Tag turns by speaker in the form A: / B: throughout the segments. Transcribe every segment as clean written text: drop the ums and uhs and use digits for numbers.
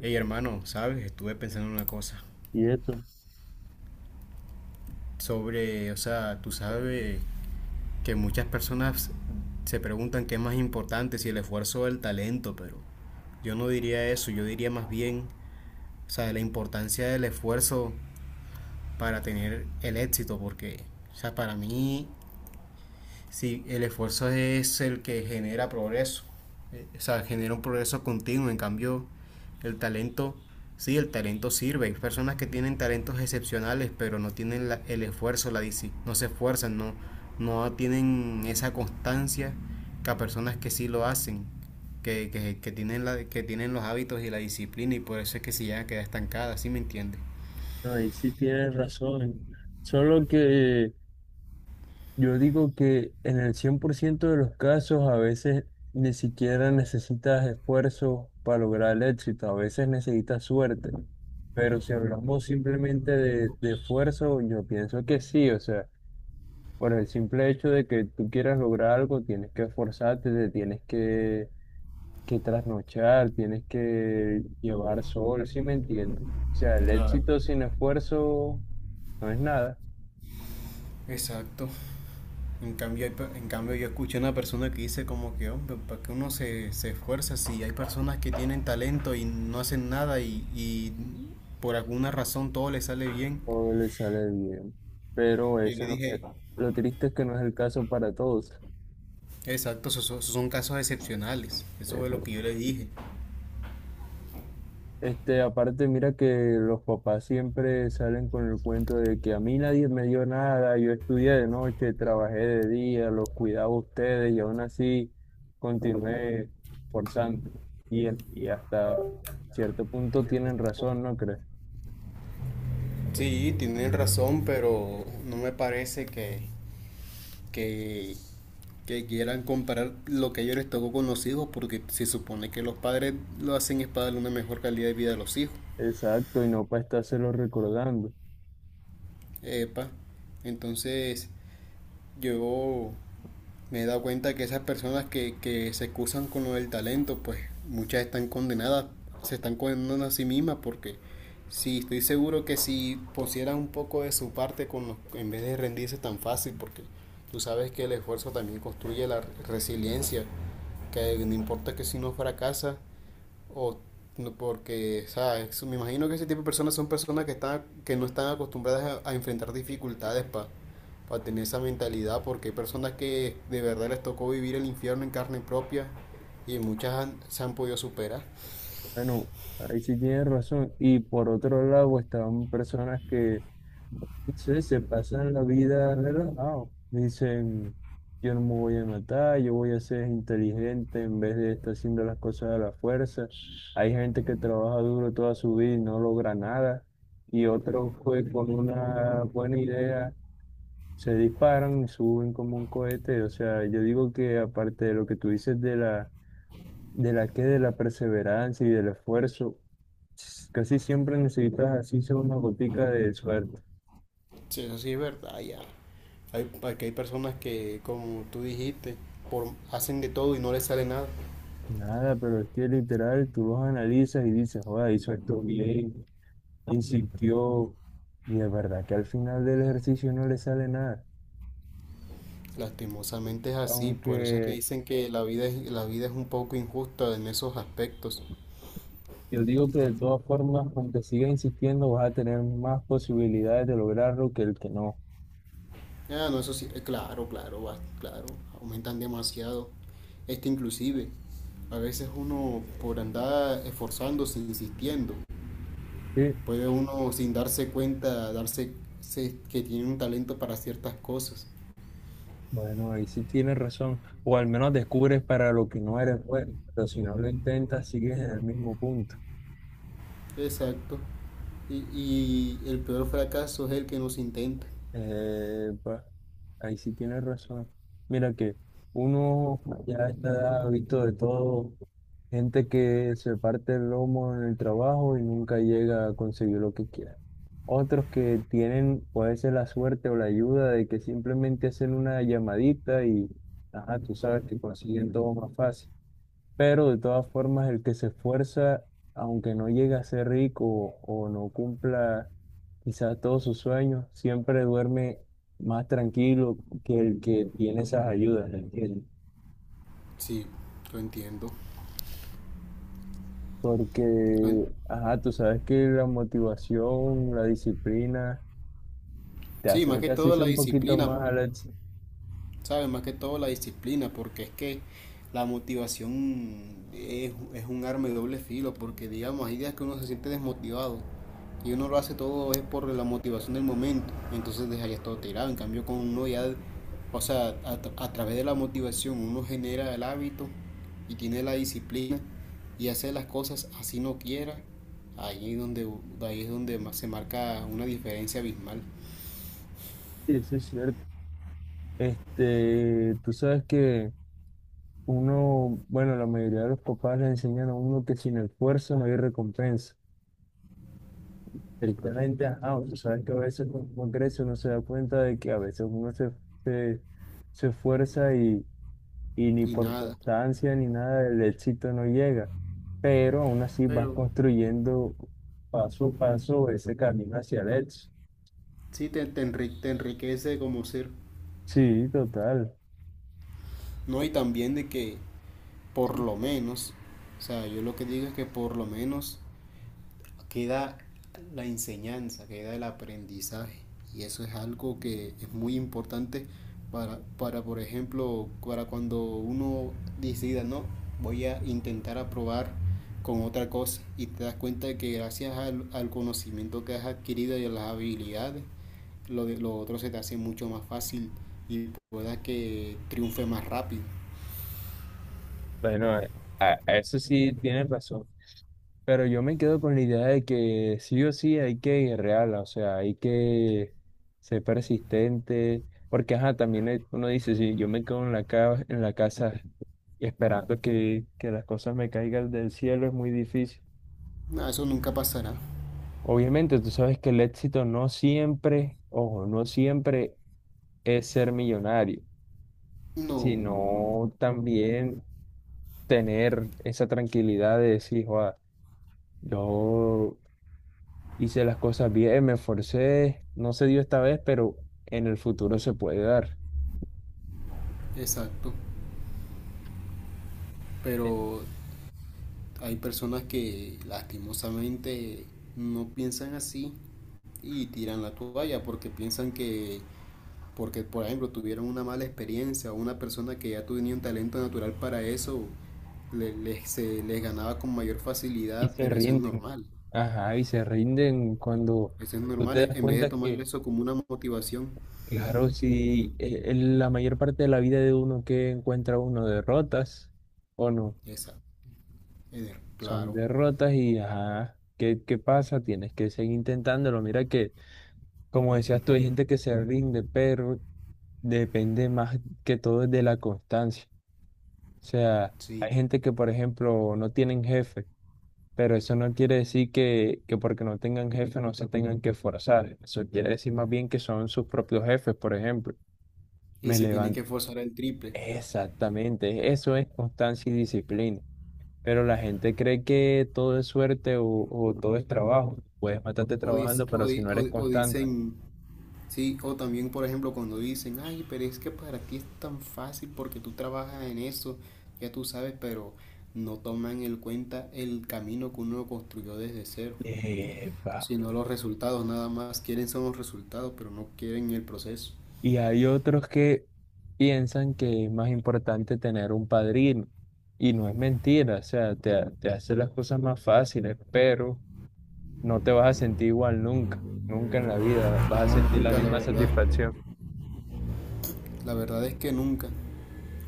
A: Hey hermano, sabes, estuve pensando en una cosa
B: Y eso,
A: sobre, o sea, tú sabes que muchas personas se preguntan qué es más importante, si el esfuerzo o el talento, pero yo no diría eso, yo diría más bien, o sea, la importancia del esfuerzo para tener el éxito, porque, o sea, para mí sí, el esfuerzo es el que genera progreso, o sea, genera un progreso continuo. En cambio, el talento, sí, el talento sirve. Hay personas que tienen talentos excepcionales, pero no tienen el esfuerzo, no se esfuerzan, no, no tienen esa constancia que a personas que sí lo hacen, que tienen que tienen los hábitos y la disciplina y por eso es que se llegan a quedar estancadas, ¿sí me entiendes?
B: no, ahí sí tienes razón. Solo que yo digo que en el 100% de los casos a veces ni siquiera necesitas esfuerzo para lograr el éxito, a veces necesitas suerte. Pero si hablamos simplemente de esfuerzo, yo pienso que sí, o sea, por el simple hecho de que tú quieras lograr algo, tienes que esforzarte, te tienes que trasnochar, tienes que llevar sol, ¿si me entiendes? O sea, el
A: Claro.
B: éxito sin esfuerzo no es nada,
A: Exacto. En cambio, hay en cambio yo escuché una persona que dice como que, hombre, ¿para qué uno se esfuerza si hay personas que tienen talento y no hacen nada y por alguna razón todo les sale bien?
B: o le sale bien, pero
A: Yo
B: ese
A: le
B: no es,
A: dije,
B: lo triste es que no es el caso para todos.
A: exacto, esos son casos excepcionales, eso fue
B: Eh,
A: lo que yo le dije.
B: Aparte, mira que los papás siempre salen con el cuento de que a mí nadie me dio nada, yo estudié de noche, trabajé de día, los cuidaba a ustedes y aún así continué forzando. Y hasta cierto punto tienen razón, ¿no crees?
A: Sí, tienen razón, pero no me parece que, que quieran comparar lo que ellos les tocó con los hijos, porque se supone que los padres lo hacen es para darle una mejor calidad de vida a los hijos.
B: Exacto, y no para estárselo recordando.
A: Epa, entonces yo me he dado cuenta que esas personas que se excusan con lo del talento, pues muchas están condenadas, se están condenando a sí mismas porque sí, estoy seguro que si pusieran un poco de su parte con los, en vez de rendirse tan fácil, porque tú sabes que el esfuerzo también construye la resiliencia, que no importa que si no fracasa, o no, porque, ¿sabes? Me imagino que ese tipo de personas son personas que están, que no están acostumbradas a enfrentar dificultades para tener esa mentalidad, porque hay personas que de verdad les tocó vivir el infierno en carne propia y se han podido superar.
B: Bueno, ahí sí tienes razón. Y por otro lado están personas que, no sé, se pasan la vida relajado. Dicen, yo no me voy a matar, yo voy a ser inteligente en vez de estar haciendo las cosas a la fuerza. Hay gente que trabaja duro toda su vida y no logra nada. Y otros pues con una buena idea se disparan y suben como un cohete. O sea, yo digo que aparte de lo que tú dices de la que de la perseverancia y del esfuerzo. Casi siempre necesitas así sea una gotica de suerte.
A: Sí, eso sí es verdad, ya. Hay, aquí hay personas que, como tú dijiste, por, hacen de todo y no les sale nada.
B: Nada, pero es que literal tú los analizas y dices, joder, hizo esto bien, insistió, y de verdad que al final del ejercicio no le sale nada.
A: Lastimosamente es así, por eso es que
B: Aunque
A: dicen que la vida es un poco injusta en esos aspectos.
B: yo digo que de todas formas, aunque sigas insistiendo, vas a tener más posibilidades de lograrlo que el que no.
A: Ah, no, eso sí, claro, claro, claro, aumentan demasiado. Este inclusive, a veces uno por andar esforzándose, insistiendo,
B: Sí,
A: puede uno sin darse cuenta, darse que tiene un talento para ciertas cosas.
B: bueno, ahí sí tienes razón. O al menos descubres para lo que no eres bueno, pero si no lo intentas, sigues en el mismo punto.
A: Exacto. Y el peor fracaso es el que no se intenta.
B: Eh, pues, ahí sí tienes razón. Mira que uno ya está visto de todo, gente que se parte el lomo en el trabajo y nunca llega a conseguir lo que quiere. Otros que tienen, puede ser la suerte o la ayuda de que simplemente hacen una llamadita y, ajá, tú sabes que consiguen todo más fácil. Pero de todas formas, el que se esfuerza, aunque no llegue a ser rico o no cumpla quizás todos sus sueños, siempre duerme más tranquilo que el que tiene esas ayudas, ¿me entiendes?
A: Sí, lo entiendo.
B: Porque,
A: Lo en-
B: ajá, tú sabes que la motivación, la disciplina, te
A: Sí, más que
B: acerca así
A: todo la
B: un poquito
A: disciplina,
B: más al éxito.
A: ¿sabes? Más que todo la disciplina, porque es que la motivación es un arma de doble filo, porque digamos, hay días que uno se siente desmotivado y uno lo hace todo es por la motivación del momento, entonces dejaría todo tirado, en cambio con uno ya, o sea, a través de la motivación uno genera el hábito y tiene la disciplina y hace las cosas así no quiera, ahí, es donde, ahí es donde más se marca una diferencia abismal
B: Sí, eso es cierto. Este, tú sabes que uno, bueno, la mayoría de los papás le enseñan a uno que sin esfuerzo no hay recompensa. Directamente, ah, tú sabes que a veces con Congreso uno se da cuenta de que a veces uno se, se esfuerza y ni
A: y
B: por
A: nada.
B: constancia ni nada del éxito no llega, pero aún así vas
A: Pero
B: construyendo paso a paso ese camino hacia el éxito.
A: sí, te enriquece como ser.
B: Sí, total.
A: No, y también de que por
B: Sí.
A: lo menos, o sea, yo lo que digo es que por lo menos queda la enseñanza, queda el aprendizaje. Y eso es algo que es muy importante para por ejemplo, para cuando uno decida, no, voy a intentar aprobar con otra cosa y te das cuenta de que gracias al conocimiento que has adquirido y a las habilidades, lo otro se te hace mucho más fácil y puedas que triunfe más rápido.
B: Bueno, eh, a eso sí tienes razón. Pero yo me quedo con la idea de que sí o sí hay que ir real, o sea, hay que ser persistente, porque ajá, también uno dice, si yo me quedo en en la casa esperando que las cosas me caigan del cielo, es muy difícil.
A: No, eso nunca pasará.
B: Obviamente, tú sabes que el éxito no siempre, ojo, no siempre es ser millonario,
A: No,
B: sino también tener esa tranquilidad de decir, joa, yo hice las cosas bien, me esforcé, no se dio esta vez, pero en el futuro se puede dar.
A: exacto.
B: Eh,
A: Pero hay personas que lastimosamente no piensan así y tiran la toalla porque piensan que porque por ejemplo tuvieron una mala experiencia o una persona que ya tenía un talento natural para eso se les ganaba con mayor
B: Y
A: facilidad,
B: se
A: pero eso es
B: rinden.
A: normal.
B: Ajá, y se rinden cuando
A: Eso es
B: tú
A: normal
B: te das
A: en vez de
B: cuenta
A: tomar
B: que,
A: eso como una motivación.
B: claro, si en la mayor parte de la vida de uno que encuentra uno derrotas o no,
A: Esa,
B: son
A: claro.
B: derrotas y ajá. ¿Qué, qué pasa? Tienes que seguir intentándolo. Mira que, como decías tú, hay gente que se rinde, pero depende más que todo de la constancia. Sea,
A: Sí.
B: hay gente que, por ejemplo, no tienen jefe, pero eso no quiere decir que porque no tengan jefe no se tengan que forzar. Eso quiere decir más bien que son sus propios jefes, por ejemplo.
A: Y
B: Me
A: se tienen
B: levanto.
A: que forzar el triple.
B: Exactamente, eso es constancia y disciplina. Pero la gente cree que todo es suerte o todo es trabajo. Puedes matarte
A: O, dic-
B: trabajando,
A: o
B: pero si
A: di-
B: no eres
A: o- o
B: constante.
A: dicen, sí, o también, por ejemplo, cuando dicen, ay, pero es que para ti es tan fácil porque tú trabajas en eso, ya tú sabes, pero no toman en cuenta el camino que uno construyó desde cero, sino los resultados, nada más quieren son los resultados, pero no quieren el proceso.
B: Y hay otros que piensan que es más importante tener un padrino. Y no es mentira, o sea, te hace las cosas más fáciles, pero no te vas a sentir igual nunca, nunca en la vida vas a
A: No,
B: sentir la
A: nunca, la
B: misma
A: verdad.
B: satisfacción.
A: La verdad es que nunca,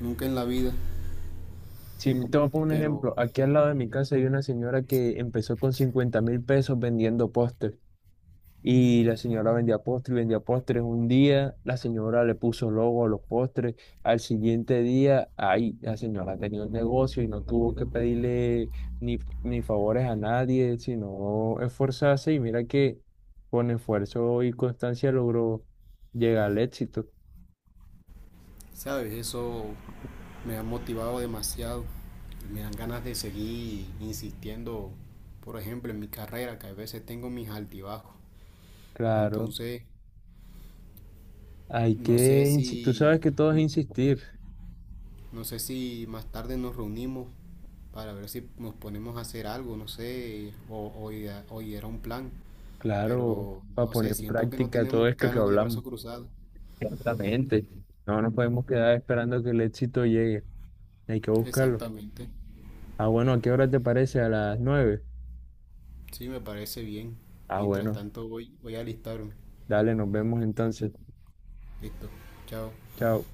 A: nunca en la vida,
B: Si me tomo un
A: pero
B: ejemplo, aquí al lado de mi casa hay una señora que empezó con 50.000 pesos vendiendo postres. Y la señora vendía postres, vendía postres. Un día la señora le puso logo a los postres. Al siguiente día, ahí la señora tenía un negocio y no tuvo que pedirle ni, ni favores a nadie, sino esforzarse. Y mira que con esfuerzo y constancia logró llegar al éxito.
A: sabes, eso me ha motivado demasiado. Me dan ganas de seguir insistiendo, por ejemplo, en mi carrera, que a veces tengo mis altibajos.
B: Claro,
A: Entonces,
B: hay
A: no sé
B: que insistir. Tú sabes
A: si,
B: que todo es insistir,
A: no sé si más tarde nos reunimos para ver si nos ponemos a hacer algo, no sé, o idear un plan.
B: claro,
A: Pero
B: para
A: no
B: poner
A: sé,
B: en
A: siento que no
B: práctica todo
A: tenemos que
B: esto que
A: quedarnos de
B: hablamos.
A: brazos cruzados.
B: Exactamente. No nos podemos quedar esperando que el éxito llegue. Hay que buscarlo.
A: Exactamente.
B: Ah, bueno, ¿a qué hora te parece? A las 9.
A: Sí, me parece bien.
B: Ah,
A: Mientras
B: bueno,
A: tanto voy a alistarme.
B: dale, nos vemos entonces.
A: Listo. Chao.
B: Chao.